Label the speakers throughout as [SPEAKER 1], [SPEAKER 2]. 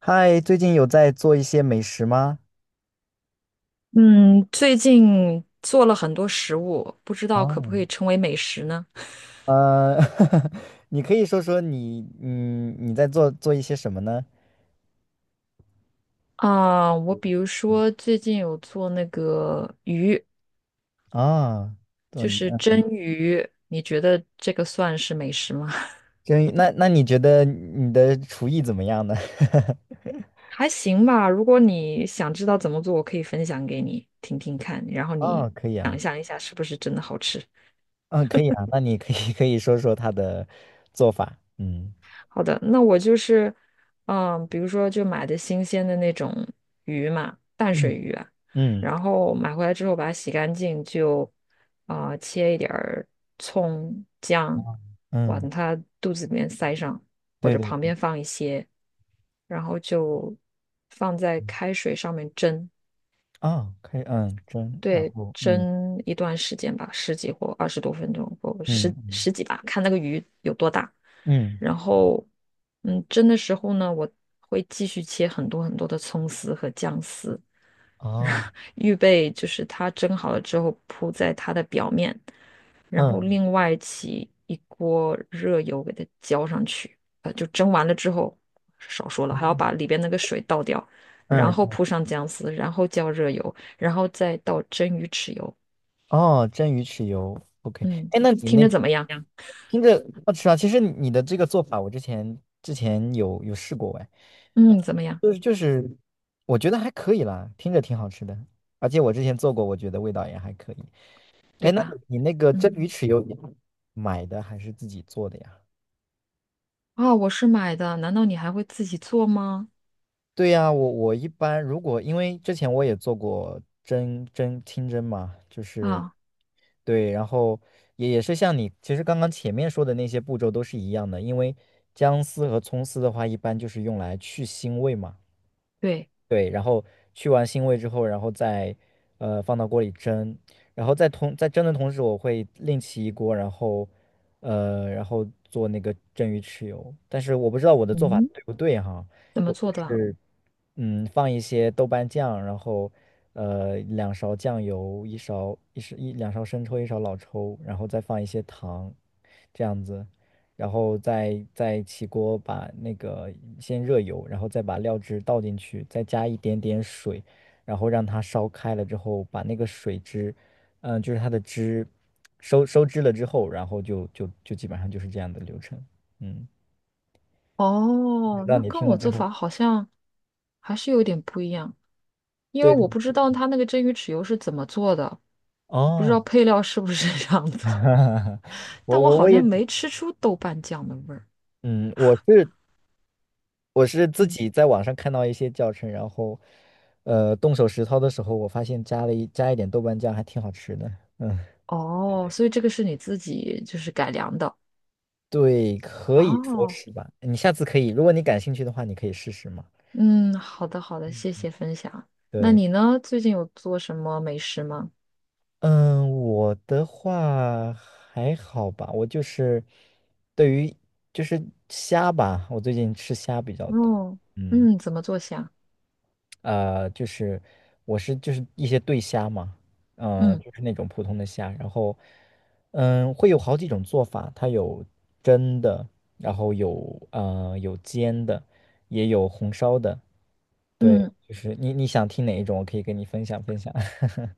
[SPEAKER 1] 嗨，最近有在做一些美食吗？
[SPEAKER 2] 嗯，最近做了很多食物，不知道可不
[SPEAKER 1] 哦，
[SPEAKER 2] 可以称为美食呢？
[SPEAKER 1] 呃，你可以说说你，你在做做一些什么呢？
[SPEAKER 2] 啊，我比如说最近有做那个鱼，
[SPEAKER 1] 啊，做
[SPEAKER 2] 就
[SPEAKER 1] 鱼，
[SPEAKER 2] 是
[SPEAKER 1] 嗯。
[SPEAKER 2] 蒸鱼，你觉得这个算是美食吗？
[SPEAKER 1] 真鱼，那你觉得你的厨艺怎么样呢？
[SPEAKER 2] 还行吧，如果你想知道怎么做，我可以分享给你听听看，然后你
[SPEAKER 1] 哦，可以
[SPEAKER 2] 想
[SPEAKER 1] 啊。
[SPEAKER 2] 象一下是不是真的好吃。
[SPEAKER 1] 嗯，可以啊，那你可以 可以说说它的做法，嗯。
[SPEAKER 2] 好的，那我就是，嗯，比如说就买的新鲜的那种鱼嘛，淡
[SPEAKER 1] 嗯
[SPEAKER 2] 水鱼啊，
[SPEAKER 1] 嗯
[SPEAKER 2] 然后买回来之后把它洗干净，就切一点儿葱姜，
[SPEAKER 1] 嗯
[SPEAKER 2] 往它肚子里面塞上，或
[SPEAKER 1] 对
[SPEAKER 2] 者
[SPEAKER 1] 对。
[SPEAKER 2] 旁边放一些，然后就放在开水上面蒸，
[SPEAKER 1] 哦，可以，嗯，蒸，然
[SPEAKER 2] 对，
[SPEAKER 1] 后嗯。
[SPEAKER 2] 蒸一段时间吧，十几或20多分钟，不
[SPEAKER 1] 嗯
[SPEAKER 2] 十
[SPEAKER 1] 嗯，
[SPEAKER 2] 十几吧，看那个鱼有多大。
[SPEAKER 1] 嗯，
[SPEAKER 2] 然后，嗯，蒸的时候呢，我会继续切很多很多的葱丝和姜丝，然
[SPEAKER 1] 哦，
[SPEAKER 2] 后预备就是它蒸好了之后铺在它的表面，然后
[SPEAKER 1] 嗯。
[SPEAKER 2] 另外起一锅热油给它浇上去，就蒸完了之后，少说了，还
[SPEAKER 1] 哦，
[SPEAKER 2] 要把里边那个水倒掉，然
[SPEAKER 1] 嗯。
[SPEAKER 2] 后铺上姜丝，然后浇热油，然后再倒蒸鱼豉油。
[SPEAKER 1] 哦，蒸鱼豉油，OK。
[SPEAKER 2] 嗯，
[SPEAKER 1] 哎，那你
[SPEAKER 2] 听
[SPEAKER 1] 那
[SPEAKER 2] 着怎么样？
[SPEAKER 1] 呀，听着好吃啊！其实你的这个做法，我之前有试过哎。
[SPEAKER 2] 嗯，怎么样？
[SPEAKER 1] 就是，我觉得还可以啦，听着挺好吃的，而且我之前做过，我觉得味道也还可以。
[SPEAKER 2] 对
[SPEAKER 1] 哎，那
[SPEAKER 2] 吧？
[SPEAKER 1] 你那个
[SPEAKER 2] 嗯，
[SPEAKER 1] 蒸鱼豉油你买的还是自己做的呀？
[SPEAKER 2] 啊，我是买的，难道你还会自己做吗？
[SPEAKER 1] 对呀，我一般如果因为之前我也做过清蒸嘛，就是
[SPEAKER 2] 啊，
[SPEAKER 1] 对。然后也是像你其实刚刚前面说的那些步骤都是一样的，因为姜丝和葱丝的话，一般就是用来去腥味嘛。
[SPEAKER 2] 对，
[SPEAKER 1] 对，然后去完腥味之后，然后再放到锅里蒸，然后在蒸的同时，我会另起一锅，然后做那个蒸鱼豉油，但是我不知道我的做法
[SPEAKER 2] 嗯，
[SPEAKER 1] 对不对哈。
[SPEAKER 2] 怎么
[SPEAKER 1] 我就
[SPEAKER 2] 做的啊？
[SPEAKER 1] 是放一些豆瓣酱，然后两勺酱油，一两勺生抽，一勺老抽，然后再放一些糖，这样子。然后再起锅把那个先热油，然后再把料汁倒进去，再加一点点水，然后让它烧开了之后，把那个水汁，就是它的汁收收汁了之后，然后就基本上就是这样的流程。嗯，不知
[SPEAKER 2] 哦，
[SPEAKER 1] 道
[SPEAKER 2] 那
[SPEAKER 1] 你
[SPEAKER 2] 跟
[SPEAKER 1] 听了
[SPEAKER 2] 我
[SPEAKER 1] 之
[SPEAKER 2] 做
[SPEAKER 1] 后，
[SPEAKER 2] 法好像还是有点不一样，因为
[SPEAKER 1] 对，
[SPEAKER 2] 我不知道它那个蒸鱼豉油是怎么做的。不知道
[SPEAKER 1] 哦。
[SPEAKER 2] 配料是不是这样做，但
[SPEAKER 1] 我
[SPEAKER 2] 我
[SPEAKER 1] 我
[SPEAKER 2] 好
[SPEAKER 1] 我也
[SPEAKER 2] 像没
[SPEAKER 1] 只，
[SPEAKER 2] 吃出豆瓣酱的味儿。
[SPEAKER 1] 嗯，我是自
[SPEAKER 2] 嗯，
[SPEAKER 1] 己在网上看到一些教程，然后，动手实操的时候，我发现加一点豆瓣酱还挺好吃的。嗯，
[SPEAKER 2] 哦，所以这个是你自己就是改良的。
[SPEAKER 1] 对，可以说
[SPEAKER 2] 哦，
[SPEAKER 1] 是吧。你下次可以，如果你感兴趣的话，你可以试试嘛。
[SPEAKER 2] 嗯，好的好的，谢谢分享。那
[SPEAKER 1] 对。
[SPEAKER 2] 你呢？最近有做什么美食吗？
[SPEAKER 1] 嗯，我的话还好吧，我就是对于就是虾吧，我最近吃虾比较多。
[SPEAKER 2] 哦，
[SPEAKER 1] 嗯。
[SPEAKER 2] 嗯，怎么做虾？
[SPEAKER 1] 就是我是就是一些对虾嘛，
[SPEAKER 2] 嗯
[SPEAKER 1] 就是那种普通的虾，然后嗯，会有好几种做法，它有蒸的，然后有煎的，也有红烧的。对，
[SPEAKER 2] 嗯，
[SPEAKER 1] 就是你想听哪一种，我可以跟你分享分享。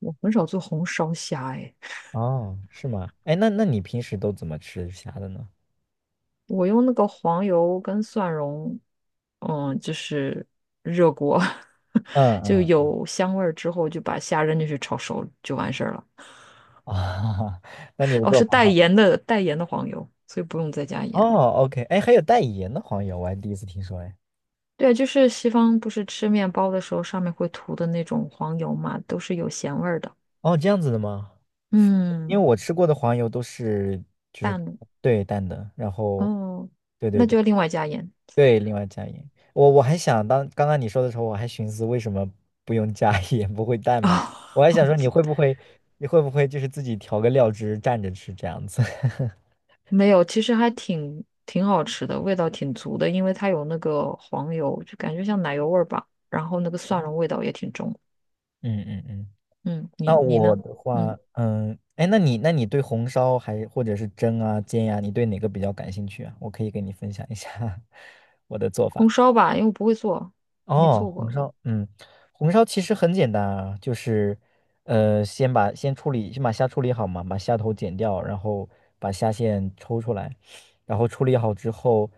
[SPEAKER 2] 我很少做红烧虾，哎，
[SPEAKER 1] 哦，是吗？哎，那你平时都怎么吃虾的呢？
[SPEAKER 2] 我用那个黄油跟蒜蓉，嗯，就是热锅，
[SPEAKER 1] 嗯
[SPEAKER 2] 就
[SPEAKER 1] 嗯
[SPEAKER 2] 有香味儿之后，就把虾扔进去炒熟就完事儿了。
[SPEAKER 1] 啊，那你的
[SPEAKER 2] 哦，
[SPEAKER 1] 做
[SPEAKER 2] 是
[SPEAKER 1] 法
[SPEAKER 2] 带盐的黄油，所以不用再加盐。
[SPEAKER 1] 哦，OK。哎，还有带盐的黄油，我还第一次听说哎。
[SPEAKER 2] 对，就是西方不是吃面包的时候上面会涂的那种黄油嘛，都是有咸味儿的。
[SPEAKER 1] 哦，这样子的吗？因
[SPEAKER 2] 嗯，
[SPEAKER 1] 为我吃过的黄油都是就是
[SPEAKER 2] 淡的
[SPEAKER 1] 对淡的，然后
[SPEAKER 2] 哦，
[SPEAKER 1] 对对
[SPEAKER 2] 那就
[SPEAKER 1] 对
[SPEAKER 2] 要另外加盐
[SPEAKER 1] 对，另外加盐。我还想当刚刚你说的时候，我还寻思为什么不用加 盐，不会淡嘛？我还
[SPEAKER 2] 啊。
[SPEAKER 1] 想说你会 不会你会不会就是自己调个料汁蘸着吃这样子？
[SPEAKER 2] 没有，其实还挺好吃的，味道挺足的，因为它有那个黄油，就感觉像奶油味儿吧。然后那个蒜蓉味 道也挺重。
[SPEAKER 1] 嗯嗯嗯。
[SPEAKER 2] 嗯，
[SPEAKER 1] 那
[SPEAKER 2] 你你
[SPEAKER 1] 我
[SPEAKER 2] 呢？
[SPEAKER 1] 的
[SPEAKER 2] 嗯，
[SPEAKER 1] 话，嗯，哎，那你对红烧还或者是蒸啊煎呀、你对哪个比较感兴趣啊？我可以给你分享一下 我的做
[SPEAKER 2] 红
[SPEAKER 1] 法。
[SPEAKER 2] 烧吧，因为我不会做，没
[SPEAKER 1] 哦，
[SPEAKER 2] 做
[SPEAKER 1] 红
[SPEAKER 2] 过。
[SPEAKER 1] 烧，嗯，红烧其实很简单啊，就是，先把虾处理好嘛，把虾头剪掉，然后把虾线抽出来，然后处理好之后，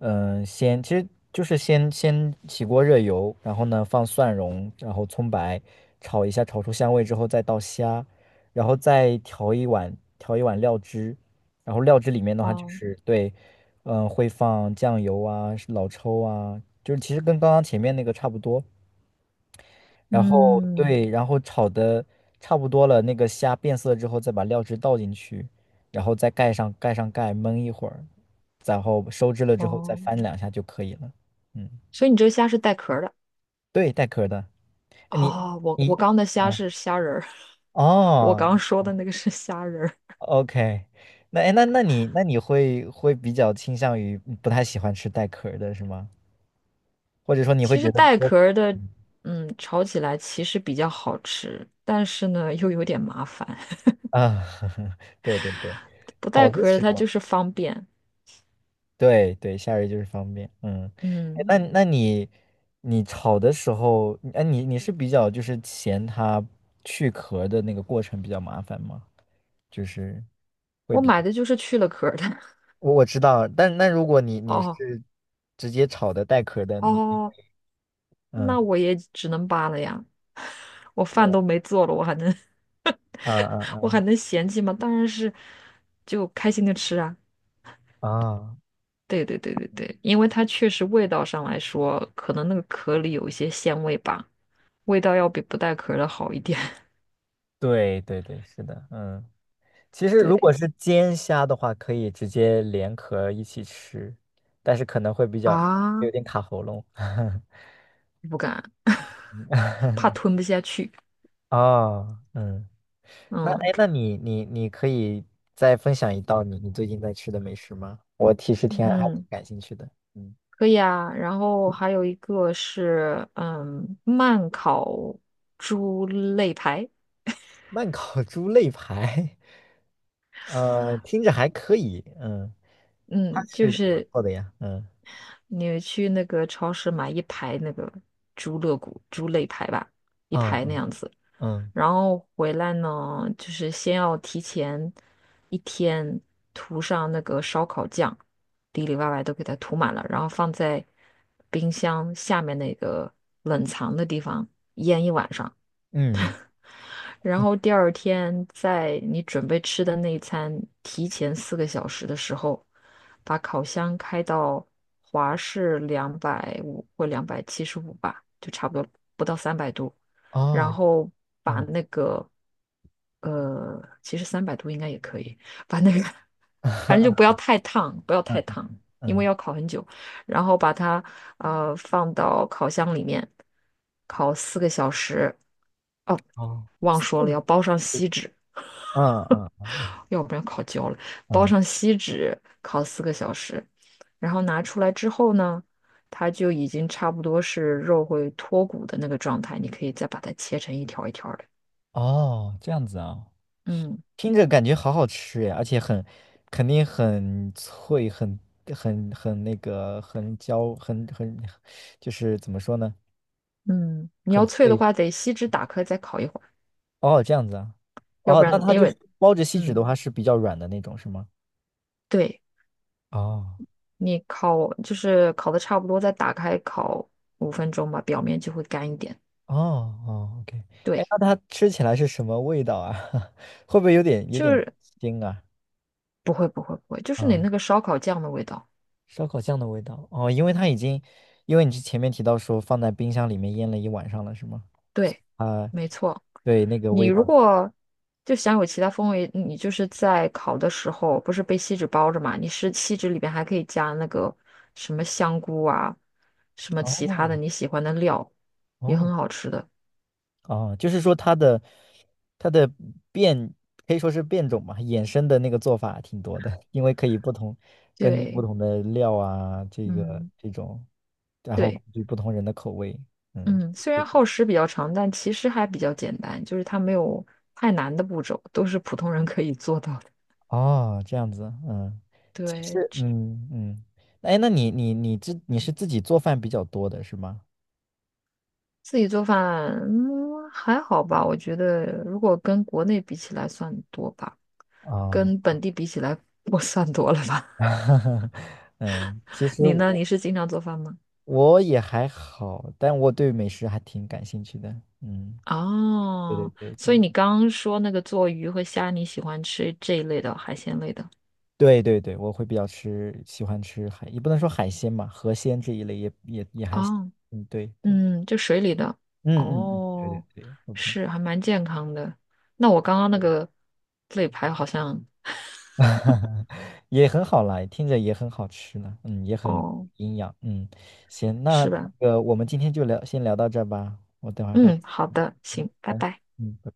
[SPEAKER 1] 先其实就是先起锅热油，然后呢放蒜蓉，然后葱白，炒一下，炒出香味之后再倒虾，然后再调一碗料汁，然后料汁里面的话就
[SPEAKER 2] 哦，
[SPEAKER 1] 是对，嗯，会放酱油啊、是老抽啊，就是其实跟刚刚前面那个差不多。然后
[SPEAKER 2] 嗯，
[SPEAKER 1] 对，然后炒的差不多了，那个虾变色之后，再把料汁倒进去，然后再盖上盖，焖一会儿，然后收汁了之后再
[SPEAKER 2] 哦。
[SPEAKER 1] 翻两下就可以了。嗯，
[SPEAKER 2] 所以你这个虾是带壳儿的
[SPEAKER 1] 对，带壳儿的。哎你
[SPEAKER 2] 哦。我我
[SPEAKER 1] 你，
[SPEAKER 2] 刚的虾
[SPEAKER 1] 嗯，
[SPEAKER 2] 是虾仁儿，我
[SPEAKER 1] 哦
[SPEAKER 2] 刚说的那个是虾仁儿。
[SPEAKER 1] ，OK，那哎那你那你会比较倾向于不太喜欢吃带壳儿的是吗？或者说你会
[SPEAKER 2] 其实
[SPEAKER 1] 觉得
[SPEAKER 2] 带
[SPEAKER 1] 多
[SPEAKER 2] 壳儿的，嗯，炒起来其实比较好吃，但是呢又有点麻烦。
[SPEAKER 1] 啊，对对对，
[SPEAKER 2] 不
[SPEAKER 1] 好
[SPEAKER 2] 带
[SPEAKER 1] 的
[SPEAKER 2] 壳儿的
[SPEAKER 1] 时
[SPEAKER 2] 它就
[SPEAKER 1] 候，
[SPEAKER 2] 是方便。
[SPEAKER 1] 对对，夏日就是方便，嗯。哎
[SPEAKER 2] 嗯，
[SPEAKER 1] 那你炒的时候，哎，你是比较就是嫌它去壳的那个过程比较麻烦吗？就是会
[SPEAKER 2] 我
[SPEAKER 1] 比较
[SPEAKER 2] 买的就是去了壳儿的。
[SPEAKER 1] 我知道，但那如果你
[SPEAKER 2] 哦
[SPEAKER 1] 是直接炒的带壳的，你
[SPEAKER 2] 哦，那
[SPEAKER 1] 嗯，
[SPEAKER 2] 我也只能扒了呀。我饭都没做了，我还能
[SPEAKER 1] 啊
[SPEAKER 2] 我还
[SPEAKER 1] 啊
[SPEAKER 2] 能嫌弃吗？当然是就开心的吃啊。
[SPEAKER 1] 啊啊，
[SPEAKER 2] 对对对对对，因为它确实味道上来说，可能那个壳里有一些鲜味吧，味道要比不带壳的好一点。
[SPEAKER 1] 对对对，是的，嗯。其实如果
[SPEAKER 2] 对
[SPEAKER 1] 是煎虾的话，可以直接连壳一起吃，但是可能会比较
[SPEAKER 2] 啊，
[SPEAKER 1] 有点卡喉咙。
[SPEAKER 2] 不敢，怕吞不下去。
[SPEAKER 1] 哦，嗯，那
[SPEAKER 2] 嗯
[SPEAKER 1] 哎，那你可以再分享一道你最近在吃的美食吗？我其实挺还挺
[SPEAKER 2] 嗯，
[SPEAKER 1] 感兴趣的。嗯，
[SPEAKER 2] 可以啊。然后还有一个是嗯，慢烤猪肋排。
[SPEAKER 1] 慢烤猪肋排，听着还可以。嗯，它
[SPEAKER 2] 嗯，
[SPEAKER 1] 是
[SPEAKER 2] 就
[SPEAKER 1] 怎么
[SPEAKER 2] 是
[SPEAKER 1] 做的呀？嗯，
[SPEAKER 2] 你去那个超市买一排那个猪肋骨、猪肋排吧，一
[SPEAKER 1] 啊
[SPEAKER 2] 排那
[SPEAKER 1] 啊
[SPEAKER 2] 样子。
[SPEAKER 1] 嗯
[SPEAKER 2] 然后回来呢，就是先要提前一天涂上那个烧烤酱，里里外外都给它涂满了，然后放在冰箱下面那个冷藏的地方腌一晚上。
[SPEAKER 1] 嗯
[SPEAKER 2] 然后第二天在你准备吃的那一餐提前四个小时的时候，把烤箱开到华氏250或275吧，就差不多不到三百度，然
[SPEAKER 1] 哦
[SPEAKER 2] 后把
[SPEAKER 1] 嗯
[SPEAKER 2] 那个其实三百度应该也可以，把那个 反正就不要 太烫，不要太烫，因为
[SPEAKER 1] 嗯，
[SPEAKER 2] 要烤很久。然后把它放到烤箱里面烤四个小时。哦，
[SPEAKER 1] 哦，
[SPEAKER 2] 忘
[SPEAKER 1] 四
[SPEAKER 2] 说了，
[SPEAKER 1] 个，
[SPEAKER 2] 要包上锡纸，
[SPEAKER 1] 嗯嗯。
[SPEAKER 2] 要不然烤焦了。包
[SPEAKER 1] 嗯。
[SPEAKER 2] 上锡纸烤四个小时，然后拿出来之后呢，它就已经差不多是肉会脱骨的那个状态，你可以再把它切成一条一条的。
[SPEAKER 1] 哦，这样子啊，
[SPEAKER 2] 嗯
[SPEAKER 1] 听着感觉好好吃呀，而且很，肯定很脆，很那个，很焦，很很，就是怎么说呢，
[SPEAKER 2] 嗯，你
[SPEAKER 1] 很
[SPEAKER 2] 要脆的
[SPEAKER 1] 脆。
[SPEAKER 2] 话，得锡纸打开再烤一会儿，
[SPEAKER 1] 哦，这样子啊。
[SPEAKER 2] 要不
[SPEAKER 1] 哦，那
[SPEAKER 2] 然
[SPEAKER 1] 它就是包着锡纸
[SPEAKER 2] 嗯。
[SPEAKER 1] 的话是比较软的那种，是吗？
[SPEAKER 2] 对。
[SPEAKER 1] 哦
[SPEAKER 2] 你烤就是烤的差不多，再打开烤5分钟吧，表面就会干一点。
[SPEAKER 1] 哦哦，OK。哎，
[SPEAKER 2] 对，
[SPEAKER 1] 那它吃起来是什么味道啊？会不会有点有
[SPEAKER 2] 就
[SPEAKER 1] 点
[SPEAKER 2] 是
[SPEAKER 1] 腥啊？
[SPEAKER 2] 不会不会不会，就是你
[SPEAKER 1] 嗯，
[SPEAKER 2] 那个烧烤酱的味道。
[SPEAKER 1] 烧烤酱的味道哦，因为它已经，因为你之前面提到说放在冰箱里面腌了一晚上了，是吗？
[SPEAKER 2] 对，
[SPEAKER 1] 啊，
[SPEAKER 2] 没错。
[SPEAKER 1] 对，那个
[SPEAKER 2] 你
[SPEAKER 1] 味道，
[SPEAKER 2] 如果就想有其他风味，你就是在烤的时候，不是被锡纸包着嘛？你是锡纸里边还可以加那个什么香菇啊，什么其他的
[SPEAKER 1] 哦
[SPEAKER 2] 你喜欢的料，也
[SPEAKER 1] 哦
[SPEAKER 2] 很好吃的。
[SPEAKER 1] 哦，就是说它的变可以说是变种嘛，衍生的那个做法挺多的，因为可以不同根据不
[SPEAKER 2] 对，
[SPEAKER 1] 同的料啊，这个
[SPEAKER 2] 嗯，
[SPEAKER 1] 这种，然后根
[SPEAKER 2] 对。
[SPEAKER 1] 据不同人的口味，嗯，
[SPEAKER 2] 嗯，虽然
[SPEAKER 1] 是
[SPEAKER 2] 耗时比较长，但其实还比较简单，就是它没有太难的步骤，都是普通人可以做到的。
[SPEAKER 1] 哦，这样子，嗯，其
[SPEAKER 2] 对，
[SPEAKER 1] 实，
[SPEAKER 2] 吃
[SPEAKER 1] 嗯嗯。哎，那你是自己做饭比较多的是吗？
[SPEAKER 2] 自己做饭，嗯，还好吧，我觉得如果跟国内比起来算多吧，
[SPEAKER 1] 啊，
[SPEAKER 2] 跟本地比起来我算多了吧。
[SPEAKER 1] 嗯，其 实
[SPEAKER 2] 你呢？
[SPEAKER 1] 我
[SPEAKER 2] 你是经常做饭吗？
[SPEAKER 1] 我也还好，但我对美食还挺感兴趣的。嗯，对对
[SPEAKER 2] 哦，
[SPEAKER 1] 对
[SPEAKER 2] 所以
[SPEAKER 1] 对
[SPEAKER 2] 你刚刚说那个做鱼和虾，你喜欢吃这一类的海鲜类的。
[SPEAKER 1] 对对对，我会比较吃，喜欢吃海，也不能说海鲜嘛，河鲜这一类也还行。
[SPEAKER 2] 哦，
[SPEAKER 1] 嗯，对对，
[SPEAKER 2] 嗯，就水里的，
[SPEAKER 1] 嗯嗯嗯，对对
[SPEAKER 2] 哦，
[SPEAKER 1] 对，OK。
[SPEAKER 2] 是还蛮健康的。那我刚刚那个肋排好像，
[SPEAKER 1] 也很好啦，听着也很好吃呢，嗯，也很
[SPEAKER 2] 哦，
[SPEAKER 1] 营养，嗯。行，那
[SPEAKER 2] 是
[SPEAKER 1] 那
[SPEAKER 2] 吧？
[SPEAKER 1] 个我们今天就聊，先聊到这儿吧，我等会儿还有，
[SPEAKER 2] 嗯，好的，行，拜拜。
[SPEAKER 1] 嗯，拜拜。